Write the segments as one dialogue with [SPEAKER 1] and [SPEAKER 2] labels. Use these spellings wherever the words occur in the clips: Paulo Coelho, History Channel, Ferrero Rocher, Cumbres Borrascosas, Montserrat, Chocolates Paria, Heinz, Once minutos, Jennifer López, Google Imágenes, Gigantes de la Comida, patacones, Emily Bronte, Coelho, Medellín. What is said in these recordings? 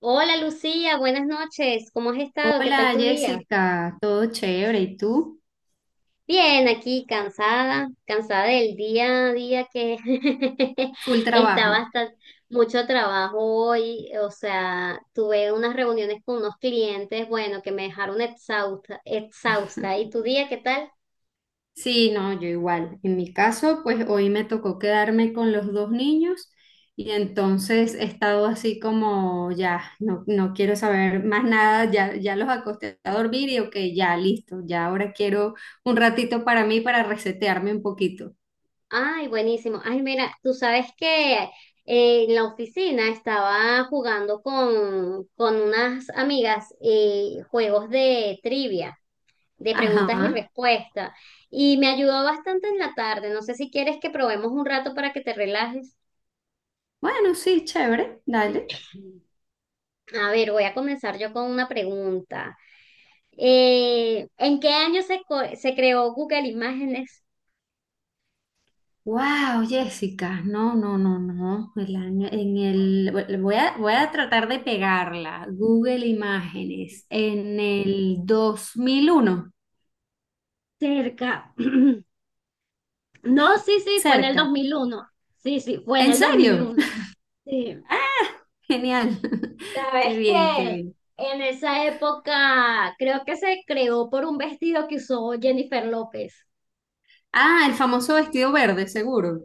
[SPEAKER 1] Hola Lucía, buenas noches. ¿Cómo has estado? ¿Qué tal
[SPEAKER 2] Hola
[SPEAKER 1] tu día?
[SPEAKER 2] Jessica, todo chévere, ¿y tú?
[SPEAKER 1] Bien, aquí cansada, cansada del día a día que
[SPEAKER 2] Full
[SPEAKER 1] está
[SPEAKER 2] trabajo.
[SPEAKER 1] bastante mucho trabajo hoy. O sea, tuve unas reuniones con unos clientes, bueno, que me dejaron exhausta, exhausta. ¿Y tu día qué tal?
[SPEAKER 2] Sí, no, yo igual. En mi caso, pues hoy me tocó quedarme con los dos niños y entonces he estado así como ya, no, no quiero saber más nada, ya, ya los acosté a dormir y ok, ya listo, ya ahora quiero un ratito para mí para resetearme un poquito.
[SPEAKER 1] Ay, buenísimo. Ay, mira, tú sabes que en la oficina estaba jugando con unas amigas, juegos de trivia, de preguntas y
[SPEAKER 2] Ajá.
[SPEAKER 1] respuestas. Y me ayudó bastante en la tarde. No sé si quieres que probemos un rato para que te relajes.
[SPEAKER 2] Bueno, sí, chévere, dale.
[SPEAKER 1] A ver, voy a comenzar yo con una pregunta. ¿En qué año se creó Google Imágenes?
[SPEAKER 2] Wow, Jessica, no, no, no, no. El año, en el, voy a, voy a tratar de pegarla. Google Imágenes, en el 2001,
[SPEAKER 1] Cerca. No, sí, sí, fue en el dos
[SPEAKER 2] cerca.
[SPEAKER 1] mil uno Sí, sí, fue en
[SPEAKER 2] ¿En
[SPEAKER 1] el dos mil
[SPEAKER 2] serio?
[SPEAKER 1] uno. Sí.
[SPEAKER 2] Genial. Qué
[SPEAKER 1] Sabes
[SPEAKER 2] bien, qué
[SPEAKER 1] que
[SPEAKER 2] bien.
[SPEAKER 1] en esa época creo que se creó por un vestido que usó Jennifer López.
[SPEAKER 2] Ah, el famoso vestido verde, seguro.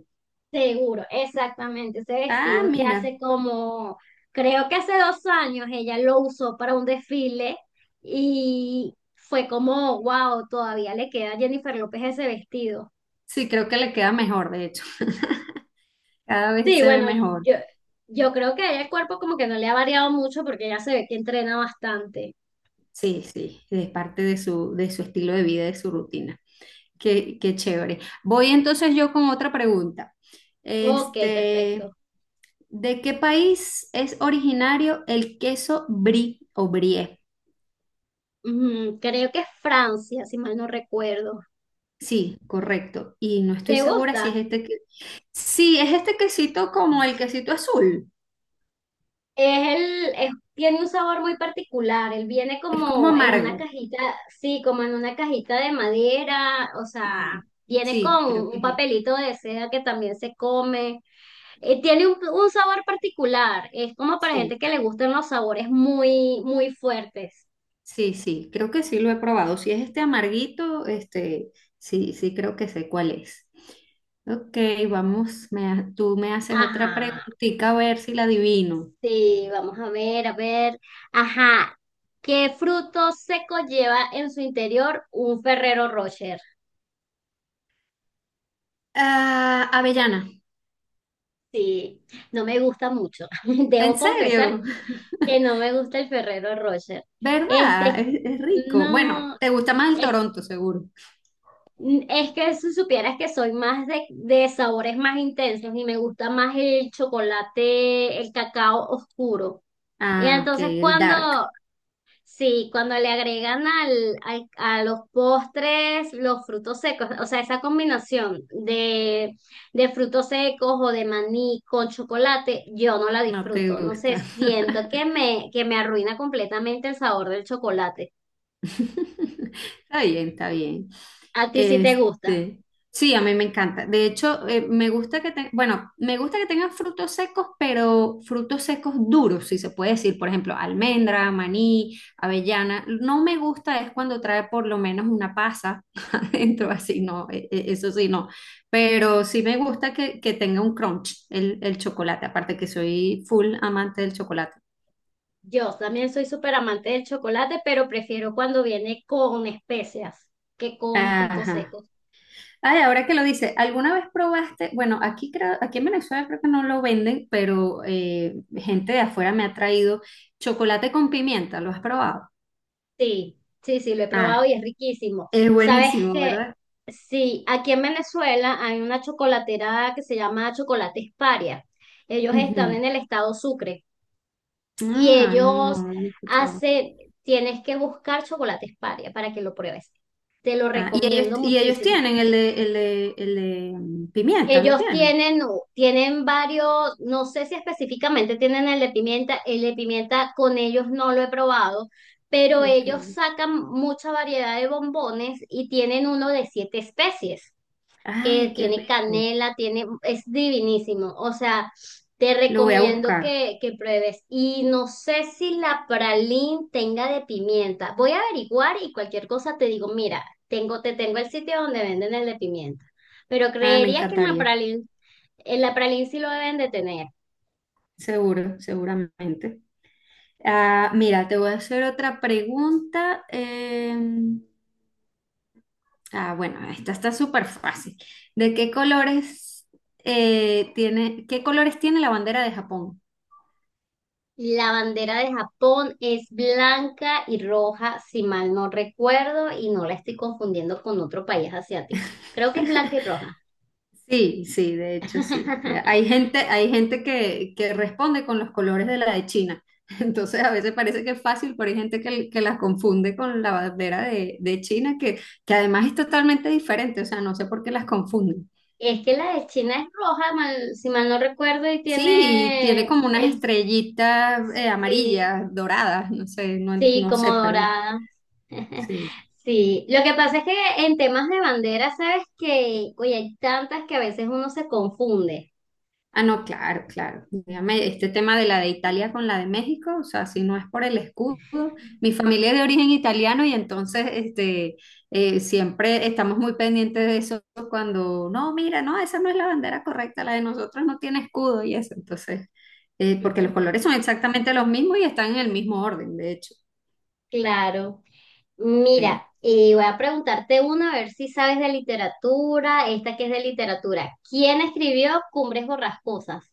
[SPEAKER 1] Seguro, exactamente, ese
[SPEAKER 2] Ah,
[SPEAKER 1] vestido que
[SPEAKER 2] mira.
[SPEAKER 1] hace como, creo que hace 2 años ella lo usó para un desfile y fue como, wow, todavía le queda a Jennifer López ese vestido.
[SPEAKER 2] Sí, creo que le queda mejor, de hecho. Cada vez
[SPEAKER 1] Sí,
[SPEAKER 2] se ve
[SPEAKER 1] bueno,
[SPEAKER 2] mejor.
[SPEAKER 1] yo, yo creo que a ella el cuerpo como que no le ha variado mucho porque ya se ve que entrena bastante.
[SPEAKER 2] Sí, sí, es parte de su estilo de vida, de su rutina. Qué, qué chévere. Voy entonces yo con otra pregunta.
[SPEAKER 1] Ok, perfecto.
[SPEAKER 2] Este, ¿de qué país es originario el queso brie o brie?
[SPEAKER 1] Creo que es Francia, si mal no recuerdo.
[SPEAKER 2] Sí, correcto. Y no estoy
[SPEAKER 1] ¿Te
[SPEAKER 2] segura si es
[SPEAKER 1] gusta?
[SPEAKER 2] este que... Sí, es este quesito como el quesito azul.
[SPEAKER 1] Tiene un sabor muy particular. Él viene
[SPEAKER 2] Es como
[SPEAKER 1] como en una
[SPEAKER 2] amargo.
[SPEAKER 1] cajita, sí, como en una cajita de madera, o sea,
[SPEAKER 2] Ujú.
[SPEAKER 1] viene
[SPEAKER 2] Sí,
[SPEAKER 1] con
[SPEAKER 2] creo que
[SPEAKER 1] un
[SPEAKER 2] es este.
[SPEAKER 1] papelito de seda que también se come. Tiene un sabor particular. Es como para
[SPEAKER 2] Sí.
[SPEAKER 1] gente que le gustan los sabores muy, muy fuertes.
[SPEAKER 2] Sí, sí, creo que sí lo he probado. Si es este amarguito, este, sí, sí creo que sé cuál es. Ok, vamos, tú me haces otra
[SPEAKER 1] Ajá.
[SPEAKER 2] preguntita a ver si la adivino.
[SPEAKER 1] Sí, vamos a ver, a ver. Ajá. ¿Qué fruto seco lleva en su interior un Ferrero Rocher?
[SPEAKER 2] Ah, avellana,
[SPEAKER 1] Sí, no me gusta mucho.
[SPEAKER 2] ¿en
[SPEAKER 1] Debo confesar
[SPEAKER 2] serio?
[SPEAKER 1] que no me gusta el Ferrero Rocher.
[SPEAKER 2] ¿Verdad?
[SPEAKER 1] Este,
[SPEAKER 2] Es rico. Bueno,
[SPEAKER 1] no,
[SPEAKER 2] te gusta más el
[SPEAKER 1] es,
[SPEAKER 2] Toronto, seguro.
[SPEAKER 1] es que si supieras que soy más de, sabores más intensos y me gusta más el chocolate, el cacao oscuro. Y
[SPEAKER 2] Ah, ok,
[SPEAKER 1] entonces
[SPEAKER 2] el
[SPEAKER 1] cuando
[SPEAKER 2] dark,
[SPEAKER 1] Sí, cuando le agregan a los postres los frutos secos, o sea, esa combinación de frutos secos o de maní con chocolate, yo no la
[SPEAKER 2] no te
[SPEAKER 1] disfruto. No sé,
[SPEAKER 2] gusta.
[SPEAKER 1] siento que me, que me arruina completamente el sabor del chocolate.
[SPEAKER 2] Está bien, está bien.
[SPEAKER 1] A ti sí te gusta.
[SPEAKER 2] Este, sí, a mí me encanta. De hecho, me gusta me gusta que tengan frutos secos, pero frutos secos duros, si se puede decir. Por ejemplo, almendra, maní, avellana. No me gusta es cuando trae por lo menos una pasa adentro, así no, eso sí no. Pero sí me gusta que tenga un crunch el chocolate, aparte que soy full amante del chocolate.
[SPEAKER 1] Yo también soy súper amante del chocolate, pero prefiero cuando viene con especias que con frutos
[SPEAKER 2] Ajá.
[SPEAKER 1] secos.
[SPEAKER 2] Ay, ahora que lo dice, ¿alguna vez probaste? Bueno, aquí creo, aquí en Venezuela creo que no lo venden, pero gente de afuera me ha traído chocolate con pimienta, ¿lo has probado?
[SPEAKER 1] Sí, sí, sí, lo he probado
[SPEAKER 2] Ah,
[SPEAKER 1] y es riquísimo.
[SPEAKER 2] es
[SPEAKER 1] Sabes
[SPEAKER 2] buenísimo,
[SPEAKER 1] que
[SPEAKER 2] ¿verdad?
[SPEAKER 1] sí, aquí en Venezuela hay una chocolatera que se llama Chocolates Paria. Ellos están
[SPEAKER 2] Ujú.
[SPEAKER 1] en el estado Sucre y
[SPEAKER 2] Ah, no, no,
[SPEAKER 1] ellos
[SPEAKER 2] no lo he escuchado.
[SPEAKER 1] hacen, tienes que buscar Chocolates Paria para que lo pruebes. Te lo
[SPEAKER 2] Ah,
[SPEAKER 1] recomiendo
[SPEAKER 2] y ellos
[SPEAKER 1] muchísimo.
[SPEAKER 2] tienen el de, el de, el de pimienta, ¿lo
[SPEAKER 1] Ellos
[SPEAKER 2] tienen?
[SPEAKER 1] tienen varios, no sé si específicamente tienen el de pimienta con ellos no lo he probado, pero
[SPEAKER 2] Ok.
[SPEAKER 1] ellos sacan mucha variedad de bombones y tienen uno de siete especies
[SPEAKER 2] Ay,
[SPEAKER 1] que
[SPEAKER 2] qué
[SPEAKER 1] tiene
[SPEAKER 2] rico.
[SPEAKER 1] canela, tiene, es divinísimo. O sea, te
[SPEAKER 2] Lo voy a
[SPEAKER 1] recomiendo
[SPEAKER 2] buscar.
[SPEAKER 1] que pruebes. Y no sé si la pralín tenga de pimienta. Voy a averiguar y cualquier cosa te digo, mira, te tengo el sitio donde venden el de pimienta. Pero
[SPEAKER 2] Ah, me
[SPEAKER 1] creería que en la
[SPEAKER 2] encantaría.
[SPEAKER 1] pralín, en la pralín sí lo deben de tener.
[SPEAKER 2] Seguro, seguramente. Ah, mira, te voy a hacer otra pregunta. Ah, bueno, esta está súper fácil. ¿De qué colores qué colores tiene la bandera de Japón?
[SPEAKER 1] La bandera de Japón es blanca y roja, si mal no recuerdo, y no la estoy confundiendo con otro país asiático. Creo que es blanca y roja.
[SPEAKER 2] Sí, sí, de hecho sí. Hay gente que responde con los colores de la de China. Entonces a veces parece que es fácil, pero hay gente que las confunde con la bandera de China, que además es totalmente diferente. O sea, no sé por qué las confunden.
[SPEAKER 1] Es que la de China es roja, si mal no recuerdo. Y
[SPEAKER 2] Sí, y tiene
[SPEAKER 1] tiene
[SPEAKER 2] como unas
[SPEAKER 1] el
[SPEAKER 2] estrellitas
[SPEAKER 1] Sí,
[SPEAKER 2] amarillas, doradas, no sé, no,
[SPEAKER 1] sí,
[SPEAKER 2] no
[SPEAKER 1] como
[SPEAKER 2] sé, pero
[SPEAKER 1] dorada.
[SPEAKER 2] sí.
[SPEAKER 1] Sí, lo que pasa es que en temas de bandera, sabes que, oye, hay tantas que a veces uno se confunde.
[SPEAKER 2] Ah, no, claro, claro. Dígame, este tema de la de Italia con la de México, o sea, si no es por el escudo, mi familia es de origen italiano y entonces este, siempre estamos muy pendientes de eso cuando, no, mira, no, esa no es la bandera correcta, la de nosotros no tiene escudo y eso, entonces, porque los colores son exactamente los mismos y están en el mismo orden, de hecho.
[SPEAKER 1] Claro.
[SPEAKER 2] Sí.
[SPEAKER 1] Mira, y voy a preguntarte una, a ver si sabes de literatura, esta que es de literatura. ¿Quién escribió Cumbres Borrascosas?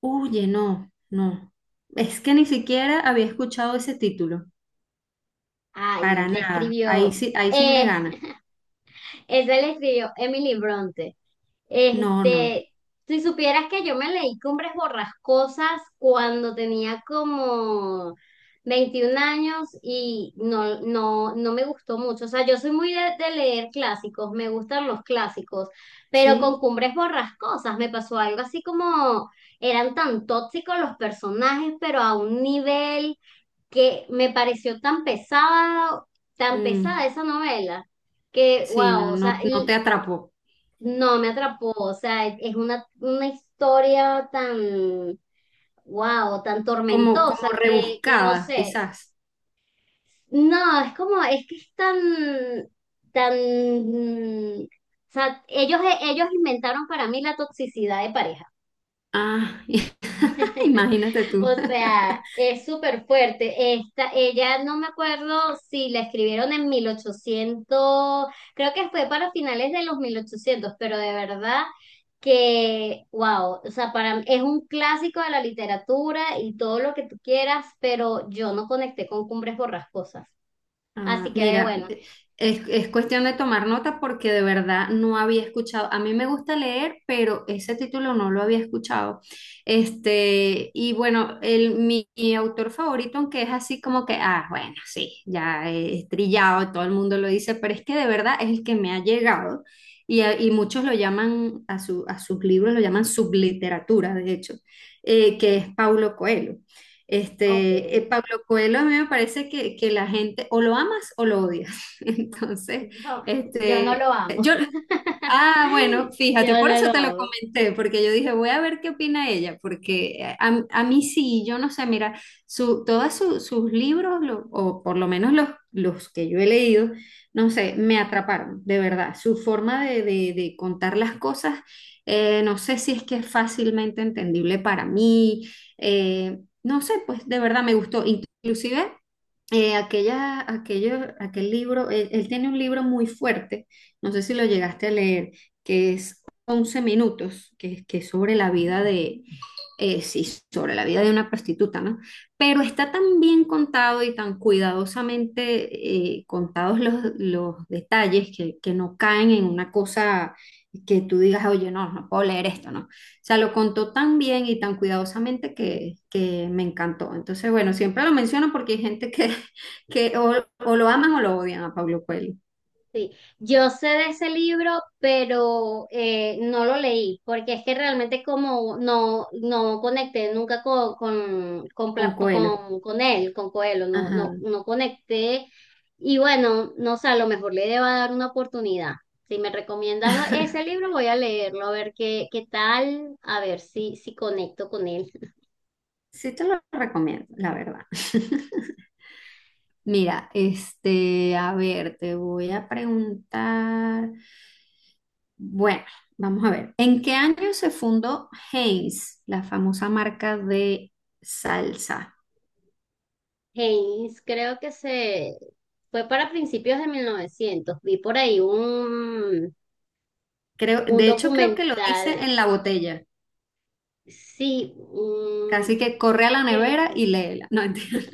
[SPEAKER 2] Oye, no, no. Es que ni siquiera había escuchado ese título.
[SPEAKER 1] Ay,
[SPEAKER 2] Para nada. Ahí sí me
[SPEAKER 1] eh,
[SPEAKER 2] gana.
[SPEAKER 1] esa le escribió Emily Bronte.
[SPEAKER 2] No, no.
[SPEAKER 1] Este, si supieras que yo me leí Cumbres Borrascosas cuando tenía como 21 años y no, no, no me gustó mucho. O sea, yo soy muy de leer clásicos, me gustan los clásicos, pero con
[SPEAKER 2] ¿Sí?
[SPEAKER 1] Cumbres Borrascosas me pasó algo así como eran tan tóxicos los personajes, pero a un nivel que me pareció tan pesado, tan
[SPEAKER 2] Mm,
[SPEAKER 1] pesada esa novela que,
[SPEAKER 2] sí,
[SPEAKER 1] wow,
[SPEAKER 2] no,
[SPEAKER 1] o sea,
[SPEAKER 2] no, no te atrapó.
[SPEAKER 1] no, me atrapó, o sea, es una historia tan, wow, tan
[SPEAKER 2] Como,
[SPEAKER 1] tormentosa
[SPEAKER 2] como
[SPEAKER 1] que no
[SPEAKER 2] rebuscada,
[SPEAKER 1] sé,
[SPEAKER 2] quizás.
[SPEAKER 1] no, es como, es que es tan, tan, o sea, ellos inventaron para mí la toxicidad de pareja.
[SPEAKER 2] Ah, imagínate tú.
[SPEAKER 1] O sea, es súper fuerte. Esta, ella no me acuerdo si la escribieron en 1800. Creo que fue para finales de los 1800, pero de verdad que, wow, o sea, para, es un clásico de la literatura y todo lo que tú quieras, pero yo no conecté con Cumbres Borrascosas.
[SPEAKER 2] Ah,
[SPEAKER 1] Así que, ve,
[SPEAKER 2] mira,
[SPEAKER 1] bueno,
[SPEAKER 2] es cuestión de tomar nota porque de verdad no había escuchado. A mí me gusta leer, pero ese título no lo había escuchado. Este, y bueno, mi, mi autor favorito, aunque es así como que, ah, bueno, sí, ya es trillado, todo el mundo lo dice, pero es que de verdad es el que me ha llegado y, y muchos lo llaman, a sus libros lo llaman subliteratura, de hecho, que es Paulo Coelho.
[SPEAKER 1] ok,
[SPEAKER 2] Este, Pablo Coelho a mí me parece que la gente o lo amas o lo odias. Entonces,
[SPEAKER 1] yo, yo no
[SPEAKER 2] este,
[SPEAKER 1] lo amo,
[SPEAKER 2] yo, ah, bueno, fíjate,
[SPEAKER 1] yo
[SPEAKER 2] por
[SPEAKER 1] no lo
[SPEAKER 2] eso te lo
[SPEAKER 1] amo.
[SPEAKER 2] comenté, porque yo dije, voy a ver qué opina ella, porque a mí sí, yo no sé, mira, su, sus libros, o por lo menos los que yo he leído, no sé, me atraparon, de verdad. Su forma de, de contar las cosas, no sé si es que es fácilmente entendible para mí, no sé, pues de verdad me gustó. Inclusive aquel libro, él tiene un libro muy fuerte, no sé si lo llegaste a leer, que es 11 minutos, que es sobre la vida de, sí, sobre la vida de una prostituta, ¿no? Pero está tan bien contado y tan cuidadosamente contados los detalles que no caen en una cosa que tú digas, oye, no, no puedo leer esto, ¿no? O sea, lo contó tan bien y tan cuidadosamente que me encantó. Entonces, bueno, siempre lo menciono porque hay gente que, que o lo aman o lo odian a Pablo Coelho,
[SPEAKER 1] Sí, yo sé de ese libro, pero no lo leí, porque es que realmente como no, no conecté nunca con, con, con,
[SPEAKER 2] con
[SPEAKER 1] Pla-
[SPEAKER 2] Coelho.
[SPEAKER 1] con, con él, con Coelho, no, no,
[SPEAKER 2] Ajá.
[SPEAKER 1] no conecté. Y bueno, no sé, a lo mejor le deba dar una oportunidad. Si me recomiendas ese libro, voy a leerlo, a ver qué tal, a ver si conecto con él.
[SPEAKER 2] Sí te lo recomiendo, la verdad. Mira, este, a ver, te voy a preguntar. Bueno, vamos a ver. ¿En qué año se fundó Heinz, la famosa marca de salsa?
[SPEAKER 1] Haynes, creo que se fue para principios de 1900. Vi por ahí
[SPEAKER 2] Creo,
[SPEAKER 1] un
[SPEAKER 2] de hecho, creo que lo dice
[SPEAKER 1] documental,
[SPEAKER 2] en la botella.
[SPEAKER 1] sí.
[SPEAKER 2] Casi que corre a la nevera
[SPEAKER 1] Eh,
[SPEAKER 2] y léela. No entiendo.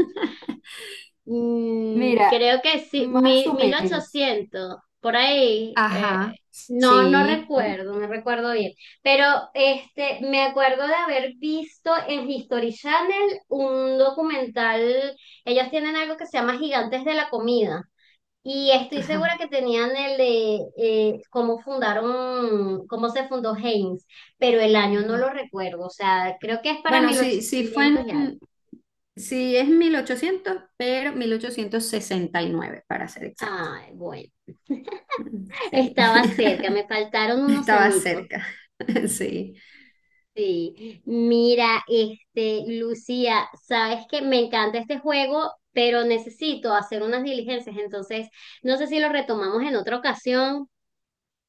[SPEAKER 2] Mira,
[SPEAKER 1] Creo que sí,
[SPEAKER 2] más o
[SPEAKER 1] mil,
[SPEAKER 2] menos.
[SPEAKER 1] ochocientos por ahí,
[SPEAKER 2] Ajá,
[SPEAKER 1] no, no
[SPEAKER 2] sí, mm,
[SPEAKER 1] recuerdo, no recuerdo bien, pero este, me acuerdo de haber visto en History Channel un documental, ellos tienen algo que se llama Gigantes de la Comida. Y estoy segura
[SPEAKER 2] ajá.
[SPEAKER 1] que tenían el de cómo se fundó Heinz, pero el año no
[SPEAKER 2] Ujú.
[SPEAKER 1] lo recuerdo, o sea, creo que es para
[SPEAKER 2] Bueno, sí,
[SPEAKER 1] 1800 y algo.
[SPEAKER 2] sí es 1800, pero 1869 para ser exacto.
[SPEAKER 1] Ay, bueno,
[SPEAKER 2] Sí,
[SPEAKER 1] estaba cerca, me faltaron unos
[SPEAKER 2] estaba
[SPEAKER 1] añitos.
[SPEAKER 2] cerca. Sí.
[SPEAKER 1] Sí, mira, este, Lucía, sabes que me encanta este juego, pero necesito hacer unas diligencias, entonces no sé si lo retomamos en otra ocasión.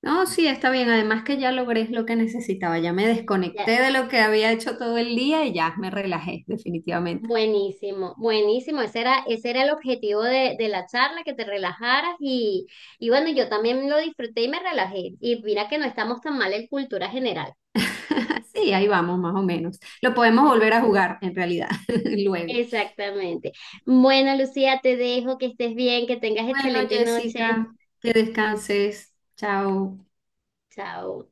[SPEAKER 2] No, sí, está bien. Además que ya logré lo que necesitaba. Ya me desconecté de lo que había hecho todo el día y ya me relajé, definitivamente.
[SPEAKER 1] Buenísimo, buenísimo. Ese era el objetivo de la charla, que te relajaras y bueno, yo también lo disfruté y me relajé. Y mira que no estamos tan mal en cultura general.
[SPEAKER 2] Sí, ahí vamos, más o menos. Lo podemos volver a jugar, en realidad, luego.
[SPEAKER 1] Exactamente. Bueno, Lucía, te dejo, que estés bien, que tengas
[SPEAKER 2] Bueno,
[SPEAKER 1] excelente noche.
[SPEAKER 2] Jessica, que descanses. Chao.
[SPEAKER 1] Chao.